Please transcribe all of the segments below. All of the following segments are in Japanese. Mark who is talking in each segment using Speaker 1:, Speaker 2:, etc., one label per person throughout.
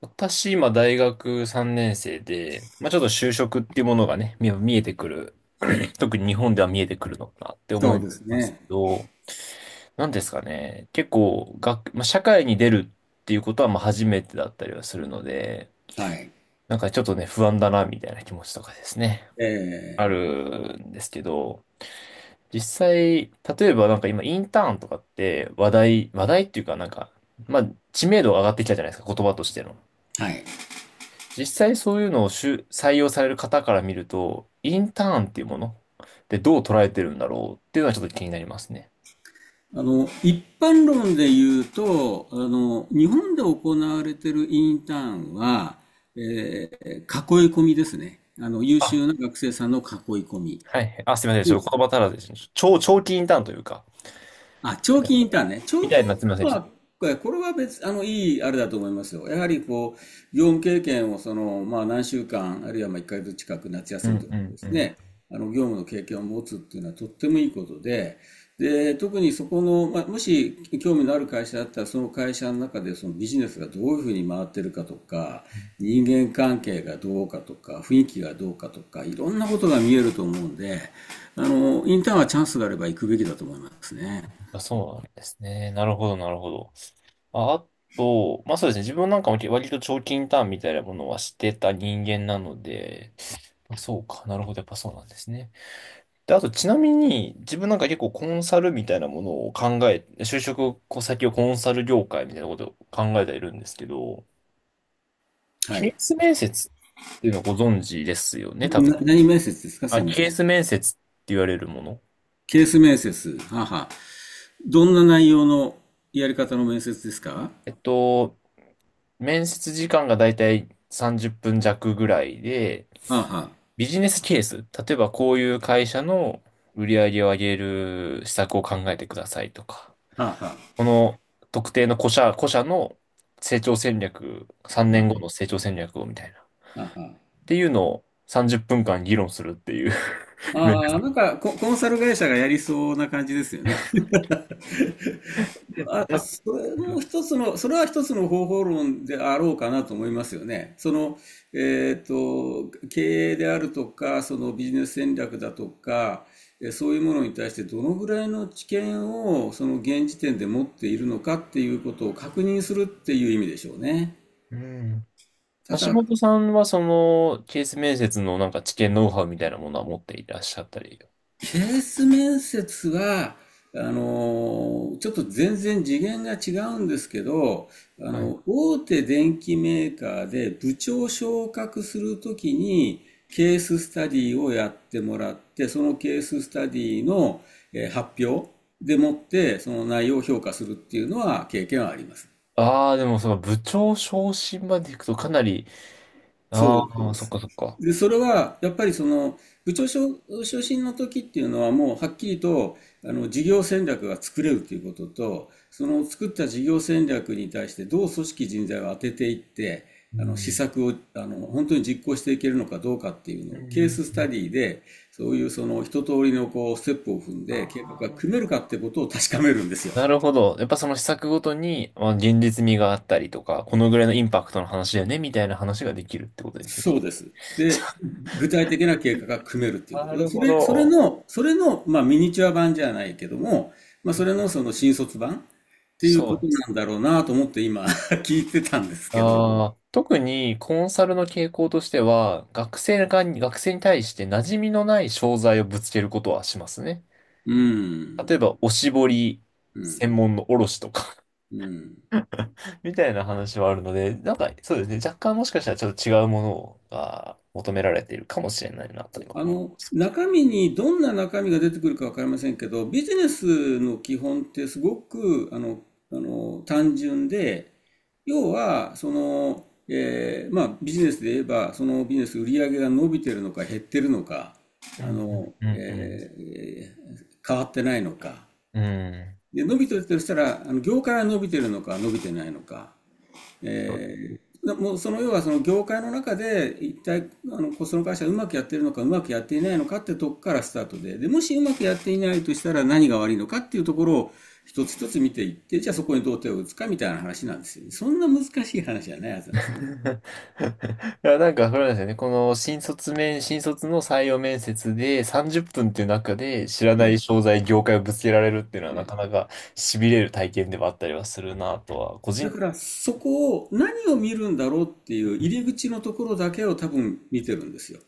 Speaker 1: 私、今、大学3年生で、まあ、ちょっと就職っていうものがね、見えてくる。特に日本では見えてくるのかなって思
Speaker 2: そう
Speaker 1: い
Speaker 2: です
Speaker 1: ますけ
Speaker 2: ね。
Speaker 1: ど、なんですかね。結構、まあ、社会に出るっていうことは、まあ、初めてだったりはするので、
Speaker 2: はい。
Speaker 1: なんかちょっとね、不安だな、みたいな気持ちとかですね。あ
Speaker 2: え
Speaker 1: るんですけど、実際、例えばなんか今、インターンとかって話題っていうかなんか、まあ、知名度が上がってきたじゃないですか、言葉としての。
Speaker 2: はい。
Speaker 1: 実際そういうのを就採用される方から見ると、インターンっていうものでどう捉えてるんだろうっていうのはちょっと気になりますね。
Speaker 2: 一般論で言うと、日本で行われているインターンは、え囲い込みですね。優
Speaker 1: あ、
Speaker 2: 秀な学生さんの囲い込み。
Speaker 1: はい。あ、すみません。ちょ
Speaker 2: で
Speaker 1: っと言葉足らずですね。長期インターンというか、
Speaker 2: 長期インターンね。長期
Speaker 1: み
Speaker 2: イン
Speaker 1: たいな、すみません。
Speaker 2: ターン
Speaker 1: ちょっ
Speaker 2: は、
Speaker 1: と。
Speaker 2: これは別、いいあれだと思いますよ。やはりこう、業務経験をまあ何週間、あるいはまあ1ヶ月近く夏
Speaker 1: う
Speaker 2: 休
Speaker 1: んう
Speaker 2: みとか
Speaker 1: ん
Speaker 2: で
Speaker 1: う
Speaker 2: す
Speaker 1: ん。
Speaker 2: ね、業務の経験を持つっていうのはとってもいいことで、で、特にそこの、まあ、もし興味のある会社だったら、その会社の中でそのビジネスがどういうふうに回ってるかとか、人間関係がどうかとか、雰囲気がどうかとか、いろんなことが見えると思うんで、インターンはチャンスがあれば行くべきだと思いますね。
Speaker 1: あ、そうなんですね。なるほど、なるほど。あ、あと、まあそうですね。自分なんかも割と長期インターンみたいなものはしてた人間なので、あそうか。なるほど。やっぱそうなんですね。で、あとちなみに、自分なんか結構コンサルみたいなものを考え、就職先をコンサル業界みたいなことを考えているんですけど、
Speaker 2: は
Speaker 1: ケ
Speaker 2: い。
Speaker 1: ース面接っていうのはご存知ですよね、多分。
Speaker 2: 何面接ですかす
Speaker 1: あ、
Speaker 2: いませ
Speaker 1: ケー
Speaker 2: ん。
Speaker 1: ス面接って言われるもの。
Speaker 2: ケース面接。はあはあ。どんな内容のやり方の面接ですか
Speaker 1: えっと、面接時間がだいたい30分弱ぐらいで、
Speaker 2: あは
Speaker 1: ビジネスケース、例えばこういう会社の売り上げを上げる施策を考えてくださいとか。
Speaker 2: あ。はあは
Speaker 1: この特定の個社の成長戦略、3
Speaker 2: あ。
Speaker 1: 年
Speaker 2: は
Speaker 1: 後の成長戦略をみたいな。っ
Speaker 2: は
Speaker 1: ていうのを30分間議論するっていう
Speaker 2: あ
Speaker 1: 面
Speaker 2: はあ、ああコンサル会社がやりそうな感じですよね。あ、
Speaker 1: 接。
Speaker 2: それは一つの方法論であろうかなと思いますよね。経営であるとか、そのビジネス戦略だとか、そういうものに対してどのぐらいの知見をその現時点で持っているのかっていうことを確認するっていう意味でしょうね。
Speaker 1: うん。
Speaker 2: た
Speaker 1: 橋
Speaker 2: だ、
Speaker 1: 本さんはそのケース面接のなんか知見ノウハウみたいなものは持っていらっしゃったり。
Speaker 2: ケース面接は、ちょっと全然次元が違うんですけど、
Speaker 1: はい。
Speaker 2: 大手電機メーカーで部長昇格するときに、ケーススタディをやってもらって、そのケーススタディの発表でもって、その内容を評価するっていうのは経験はあります。
Speaker 1: ああ、でもその部長昇進まで行くとかなり、
Speaker 2: そ
Speaker 1: あ
Speaker 2: う
Speaker 1: あ、
Speaker 2: で
Speaker 1: そっ
Speaker 2: す。
Speaker 1: かそっか。
Speaker 2: で、それは、やっぱり部長昇進の時っていうのは、もうはっきりと、事業戦略が作れるということと、その作った事業戦略に対してどう組織人材を当てていって、
Speaker 1: う
Speaker 2: 施
Speaker 1: ん。
Speaker 2: 策を、本当に実行していけるのかどうかっていうの
Speaker 1: う
Speaker 2: を、ケー
Speaker 1: ん。
Speaker 2: ススタディで、そういうその、一通りのこう、ステップを踏んで、計
Speaker 1: あ
Speaker 2: 画が組める
Speaker 1: あ。
Speaker 2: かってことを確かめるんですよ。
Speaker 1: なるほど。やっぱその施策ごとに、まあ、現実味があったりとか、このぐらいのインパクトの話だよね、みたいな話ができるってことですよ
Speaker 2: そ
Speaker 1: ね。
Speaker 2: うです。で、具体的な計画が組めるっていう
Speaker 1: な
Speaker 2: こと。
Speaker 1: る
Speaker 2: そ
Speaker 1: ほ
Speaker 2: れ、それ
Speaker 1: ど。
Speaker 2: の、それの、まあ、ミニチュア版じゃないけども、まあ、それのその新卒版っていう
Speaker 1: そ
Speaker 2: こ
Speaker 1: う
Speaker 2: と
Speaker 1: です。
Speaker 2: なんだろうなと思って今 聞いてたんですけど。
Speaker 1: あー特にコンサルの傾向としては、学生に対して馴染みのない商材をぶつけることはしますね。
Speaker 2: う
Speaker 1: 例え
Speaker 2: ん。
Speaker 1: ば、おしぼり
Speaker 2: うん。
Speaker 1: 専門の卸とか
Speaker 2: うん。
Speaker 1: みたいな話はあるので、なんか、そうですね。若干もしかしたらちょっと違うものが求められているかもしれないなと今思い。
Speaker 2: 中身にどんな中身が出てくるかわかりませんけど、ビジネスの基本ってすごく、単純で、要は、ビジネスで言えば、そのビジネス売り上げが伸びてるのか減ってるのか、
Speaker 1: うん
Speaker 2: あの、
Speaker 1: うんうんうん。
Speaker 2: え変わってないのか。
Speaker 1: うん。
Speaker 2: で、伸びてるとしたら、業界が伸びてるのか伸びてないのか。
Speaker 1: そう。
Speaker 2: もうその要はその業界の中で一体あのその会社がうまくやってるのかうまくやっていないのかってとこからスタートで、でもしうまくやっていないとしたら何が悪いのかっていうところを一つ一つ見ていってじゃあそこにどう手を打つかみたいな話なんですよ、ね、そんな難しい話じゃないはず なん
Speaker 1: い
Speaker 2: ですよね。
Speaker 1: や、なんか、それなんですよね。この新卒の採用面接で30分っぷんっていう中で知らな
Speaker 2: ね
Speaker 1: い商材、業界をぶつけられるっていうのはな
Speaker 2: ね、
Speaker 1: かなか痺れる体験ではあったりはするなとは、個
Speaker 2: だ
Speaker 1: 人、
Speaker 2: からそこを何を見るんだろうっていう入り口のところだけを多分見てるんですよ。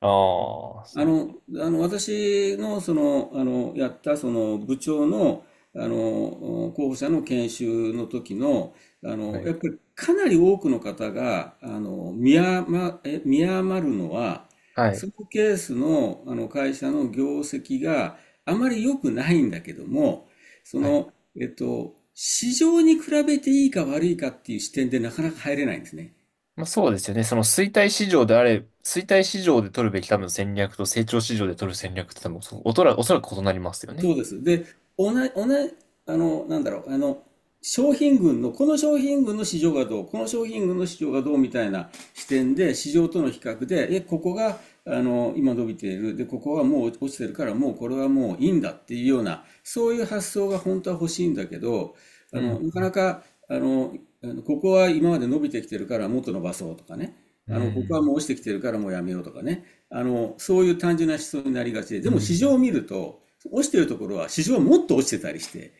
Speaker 1: ああ、そ
Speaker 2: 私の、やった、部長の、候補者の研修の時の、
Speaker 1: う。はい。
Speaker 2: やっぱりかなり多くの方が、見余るのは、
Speaker 1: は
Speaker 2: そ
Speaker 1: い。
Speaker 2: のケースの、会社の業績があまり良くないんだけども、そ
Speaker 1: はい。
Speaker 2: の、市場に比べていいか悪いかっていう視点でなかなか入れないんですね。
Speaker 1: まあそうですよね。その衰退市場であれ、衰退市場で取るべき多分戦略と成長市場で取る戦略って多分、おそらく異なりますよ
Speaker 2: そ
Speaker 1: ね。
Speaker 2: うです。で、同じ、なんだろう、商品群の、この商品群の市場がどう、この商品群の市場がどうみたいな視点で、市場との比較で、ここが、今伸びている、で、ここはもう落ちてるから、もうこれはもういいんだっていうような、そういう発想が本当は欲しいんだけど、
Speaker 1: う
Speaker 2: あ
Speaker 1: ん。
Speaker 2: の、なかなか、あの、あのここは今まで伸びてきてるからもっと伸ばそうとかね。
Speaker 1: う
Speaker 2: ここは
Speaker 1: ん。
Speaker 2: もう落ちてきてるからもうやめようとかね。そういう単純な思想になりがちで、
Speaker 1: う
Speaker 2: でも市場
Speaker 1: ん。
Speaker 2: を見ると、落ちてるところは市場はもっと落ちてたりして、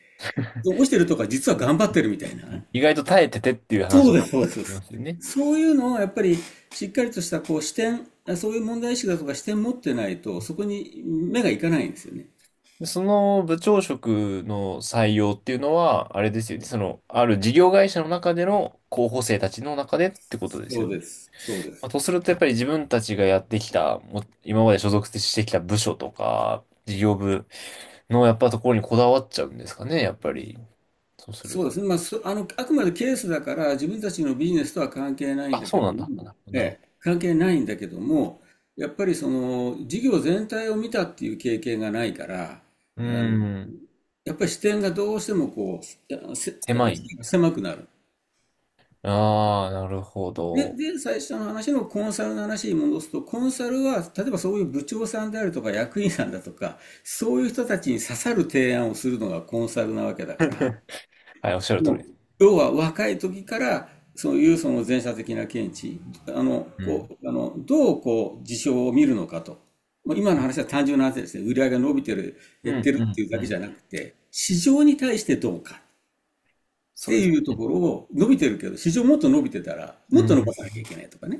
Speaker 2: 落ちてるとか実は頑張ってるみたいな。
Speaker 1: 意外と耐えててっていう話
Speaker 2: そう
Speaker 1: も
Speaker 2: で
Speaker 1: あ
Speaker 2: す、そうで
Speaker 1: りま
Speaker 2: す。
Speaker 1: すよね。
Speaker 2: そういうのをやっぱりしっかりとしたこう視点、そういう問題意識だとか視点持ってないと、そこに目がいかないんですよね。
Speaker 1: でその部長職の採用っていうのは、あれですよね。その、ある事業会社の中での候補生たちの中でってことです
Speaker 2: そ
Speaker 1: よ
Speaker 2: う
Speaker 1: ね。
Speaker 2: です、そうで
Speaker 1: まあ、
Speaker 2: す。
Speaker 1: とすると、やっぱり自分たちがやってきた、今まで所属してきた部署とか、事業部のやっぱところにこだわっちゃうんですかね、やっぱり。そうする
Speaker 2: そうで
Speaker 1: と。
Speaker 2: すね、まあ、あくまでケースだから、自分たちのビジネスとは関係ないん
Speaker 1: あ、
Speaker 2: だ
Speaker 1: そ
Speaker 2: け
Speaker 1: う
Speaker 2: ど
Speaker 1: なんだ。なる
Speaker 2: も、
Speaker 1: ほど、
Speaker 2: え
Speaker 1: なるほ
Speaker 2: え、関係ないんだけども、やっぱりその、事業全体を見たっていう経験がないから、
Speaker 1: ど。う
Speaker 2: あの、
Speaker 1: ーん。
Speaker 2: やっぱり視点がどうしてもう、せ、
Speaker 1: 狭い
Speaker 2: 視野が
Speaker 1: ね。
Speaker 2: 狭くなる。
Speaker 1: ああ、なるほ
Speaker 2: で、
Speaker 1: ど。
Speaker 2: で、最初の話のコンサルの話に戻すと、コンサルは、例えばそういう部長さんであるとか役員さんだとか、そういう人たちに刺さる提案をするのがコンサルなわけだから、
Speaker 1: はい、おっしゃる通り
Speaker 2: ね、
Speaker 1: です。
Speaker 2: 要は若い時からそういうその前者的な見地、
Speaker 1: うん。
Speaker 2: どうこう事象を見るのかと。もう今の話は単純な話ですね。売り上げが伸びてる、
Speaker 1: う
Speaker 2: 減っ
Speaker 1: ん、
Speaker 2: て
Speaker 1: う
Speaker 2: るって
Speaker 1: ん、
Speaker 2: いう
Speaker 1: う
Speaker 2: だけじ
Speaker 1: ん。
Speaker 2: ゃなくて、市場に対してどうかっ
Speaker 1: そう
Speaker 2: て
Speaker 1: です。
Speaker 2: いうところを伸びてるけど、市場もっと伸びてたら、
Speaker 1: う
Speaker 2: もっと伸ば
Speaker 1: ん。
Speaker 2: さなきゃいけないとかね。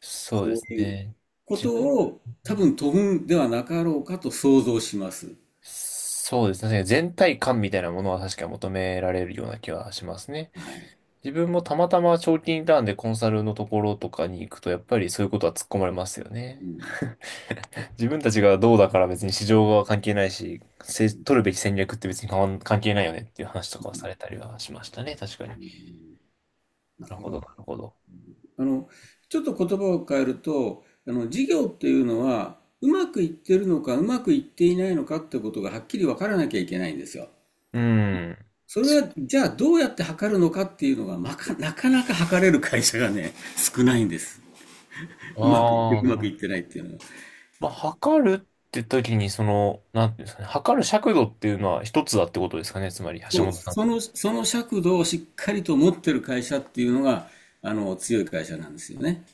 Speaker 1: そ
Speaker 2: そ
Speaker 1: うです
Speaker 2: ういう
Speaker 1: ね。
Speaker 2: こ
Speaker 1: 自
Speaker 2: と
Speaker 1: 分、
Speaker 2: を多分とぶんではなかろうかと想像します。
Speaker 1: そうですね。確かに全体感みたいなものは確かに求められるような気はしますね。
Speaker 2: はい。
Speaker 1: 自分もたまたま長期インターンでコンサルのところとかに行くと、やっぱりそういうことは突っ込まれますよね。
Speaker 2: うん。
Speaker 1: 自分たちがどうだから別に市場は関係ないし、取るべき戦略って別に変わん関係ないよねっていう話とかはされたりはしましたね。確かに。
Speaker 2: だ
Speaker 1: なるほ
Speaker 2: か
Speaker 1: ど、
Speaker 2: ら、
Speaker 1: なるほど。
Speaker 2: あの、ちょっと言葉を変えると、事業っていうのは、うまくいってるのか、うまくいっていないのかってことがはっきり分からなきゃいけないんですよ。
Speaker 1: うん。
Speaker 2: それは、じゃあどうやって測るのかっていうのが、なかなか測れる会社がね、少ないんです。うまくいっ
Speaker 1: あ
Speaker 2: て、
Speaker 1: あ、
Speaker 2: う
Speaker 1: な
Speaker 2: ま
Speaker 1: る
Speaker 2: く
Speaker 1: ほ
Speaker 2: いっ
Speaker 1: ど。
Speaker 2: てないっていうのは。
Speaker 1: まあ、測るって時に、その、なんていうんですかね、測る尺度っていうのは一つだってことですかね、つまり、橋
Speaker 2: そう、
Speaker 1: 本さん的に。
Speaker 2: その尺度をしっかりと持ってる会社っていうのが、強い会社なんですよね。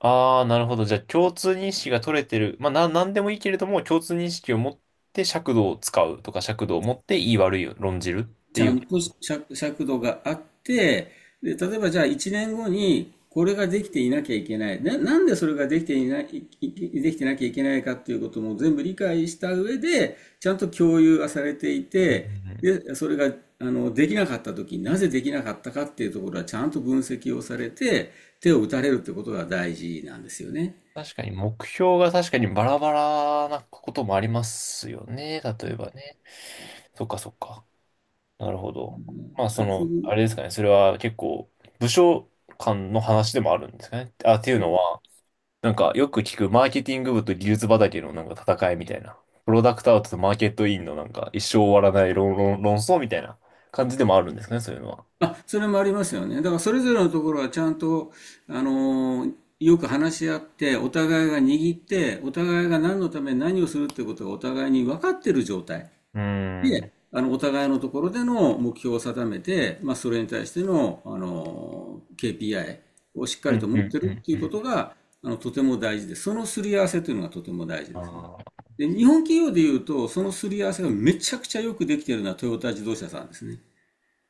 Speaker 1: ああ、なるほど。じゃあ、共通認識が取れてる。まあ、なんでもいいけれども、共通認識を持って尺度を使うとか、尺度を持っていい悪いを論じるって
Speaker 2: ち
Speaker 1: い
Speaker 2: ゃん
Speaker 1: う
Speaker 2: と
Speaker 1: こと。
Speaker 2: 尺、尺度があって、で、例えばじゃあ1年後にこれができていなきゃいけない。なんでそれができてなきゃいけないかっていうことも全部理解した上で、ちゃんと共有がされてい
Speaker 1: うんう
Speaker 2: て、
Speaker 1: んうん。
Speaker 2: で、それが、できなかった時になぜできなかったかっていうところはちゃんと分析をされて、手を打たれるってことが大事なんですよね。
Speaker 1: 確かに、目標が確かにバラバラなこともありますよね、例えばね。そっかそっか。なるほど。まあ、
Speaker 2: だか
Speaker 1: そ
Speaker 2: らそう
Speaker 1: の、あれですかね、それは結構、部署間の話でもあるんですかね。あ、っていうのは、なんかよく聞くマーケティング部と技術畑のなんか戦いみたいな。プロダクトアウトとマーケットインのなんか一生終わらない論争みたいな感じでもあるんですね、そういうのは。
Speaker 2: あ、それもありますよね。だからそれぞれのところはちゃんと、よく話し合って、お互いが握って、お互いが何のために何をするってことがお互いに分かってる状態
Speaker 1: うー
Speaker 2: で、
Speaker 1: ん。
Speaker 2: お互いのところでの目標を定めて、まあ、それに対しての、あのケー KPI をしっか
Speaker 1: う
Speaker 2: りと
Speaker 1: ん、
Speaker 2: 持っ
Speaker 1: う
Speaker 2: て
Speaker 1: ん、う
Speaker 2: るっ
Speaker 1: ん、
Speaker 2: て
Speaker 1: う
Speaker 2: いうこ
Speaker 1: ん。
Speaker 2: とが、とても大事で、そのすり合わせというのがとても大事
Speaker 1: あ
Speaker 2: ですね。
Speaker 1: ー
Speaker 2: で、日本企業でいうと、そのすり合わせがめちゃくちゃよくできているのはトヨタ自動車さんですね。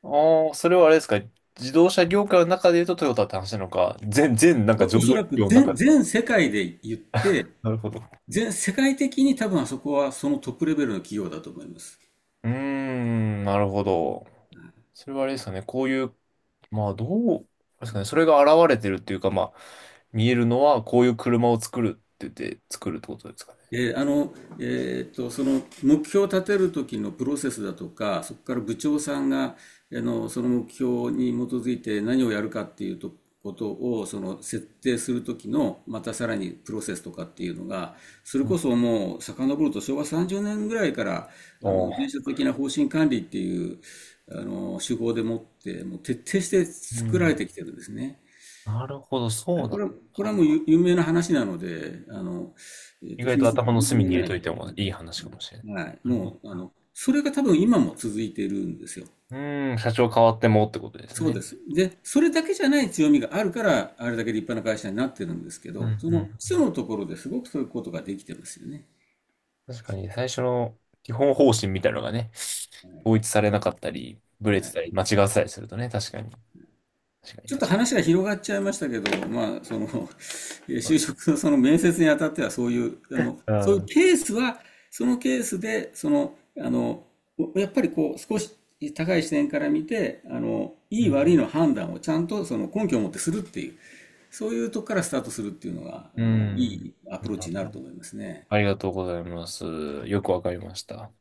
Speaker 1: あー、それはあれですか。自動車業界の中で言うとトヨタって話なのか、全なんか上
Speaker 2: お、お
Speaker 1: 場
Speaker 2: そ
Speaker 1: 企
Speaker 2: らく
Speaker 1: 業の中
Speaker 2: 全、
Speaker 1: で。
Speaker 2: 全世界で言って、
Speaker 1: なるほど。
Speaker 2: 全世界的に多分あそこはそのトップレベルの企業だと思います。
Speaker 1: うーん、なるほど。それはあれですかね。こういう、まあどう、ですかね。それが現れてるっていうか、まあ見えるのはこういう車を作るって言って作るってことですかね。
Speaker 2: えーあの、その目標を立てる時のプロセスだとか、そこから部長さんが、その目標に基づいて何をやるかっていうとことを、その設定する時の、またさらにプロセスとかっていうのが、それ
Speaker 1: う
Speaker 2: こ
Speaker 1: ん。
Speaker 2: そもう遡ると昭和30年ぐらいから、
Speaker 1: お
Speaker 2: 全
Speaker 1: ー。
Speaker 2: 社的な方針管理っていう、手法でもって、もう徹底して
Speaker 1: う
Speaker 2: 作られ
Speaker 1: ん。
Speaker 2: てきてるんですね。
Speaker 1: なるほど、そうな
Speaker 2: こ
Speaker 1: ん
Speaker 2: れは、これは
Speaker 1: だ。
Speaker 2: もう有有名な話なので、
Speaker 1: 意外
Speaker 2: 秘
Speaker 1: と
Speaker 2: 密で
Speaker 1: 頭の
Speaker 2: 全
Speaker 1: 隅に入
Speaker 2: 然
Speaker 1: れ
Speaker 2: な
Speaker 1: とい
Speaker 2: い。
Speaker 1: てもいい話かもしれない。
Speaker 2: はい。
Speaker 1: なるほど。
Speaker 2: もう、あの、それが多分今も続いているんですよ。
Speaker 1: うん、社長変わってもってことです
Speaker 2: そうで
Speaker 1: ね。
Speaker 2: す。で、それだけじゃない強みがあるから、あれだけ立派な会社になってるんですけ
Speaker 1: うんう
Speaker 2: ど、その基
Speaker 1: ん。
Speaker 2: 礎のところですごくそういうことができてますよね。
Speaker 1: 確かに最初の基本方針みたいなのがね、統一されなかったり、ブ
Speaker 2: は
Speaker 1: レて
Speaker 2: い。
Speaker 1: たり、間違ってたりするとね、確かに。確かに、
Speaker 2: ちょっと
Speaker 1: 確かに。
Speaker 2: 話が広がっちゃいましたけど、まあ、
Speaker 1: そ
Speaker 2: 就
Speaker 1: う。
Speaker 2: 職のその面接にあたってはそういう、
Speaker 1: う
Speaker 2: そういう
Speaker 1: ん。
Speaker 2: ケースは、そのケースで、やっぱりこう、少し高い視点から見て、
Speaker 1: う
Speaker 2: いい悪い
Speaker 1: ん。
Speaker 2: の判断をちゃんとその根拠を持ってするっていう、そういうとこからスタートするっていうのが、
Speaker 1: う
Speaker 2: い
Speaker 1: ん。
Speaker 2: いアプロー
Speaker 1: なる
Speaker 2: チに
Speaker 1: ほ
Speaker 2: なる
Speaker 1: ど。
Speaker 2: と思いますね。
Speaker 1: ありがとうございます。よくわかりました。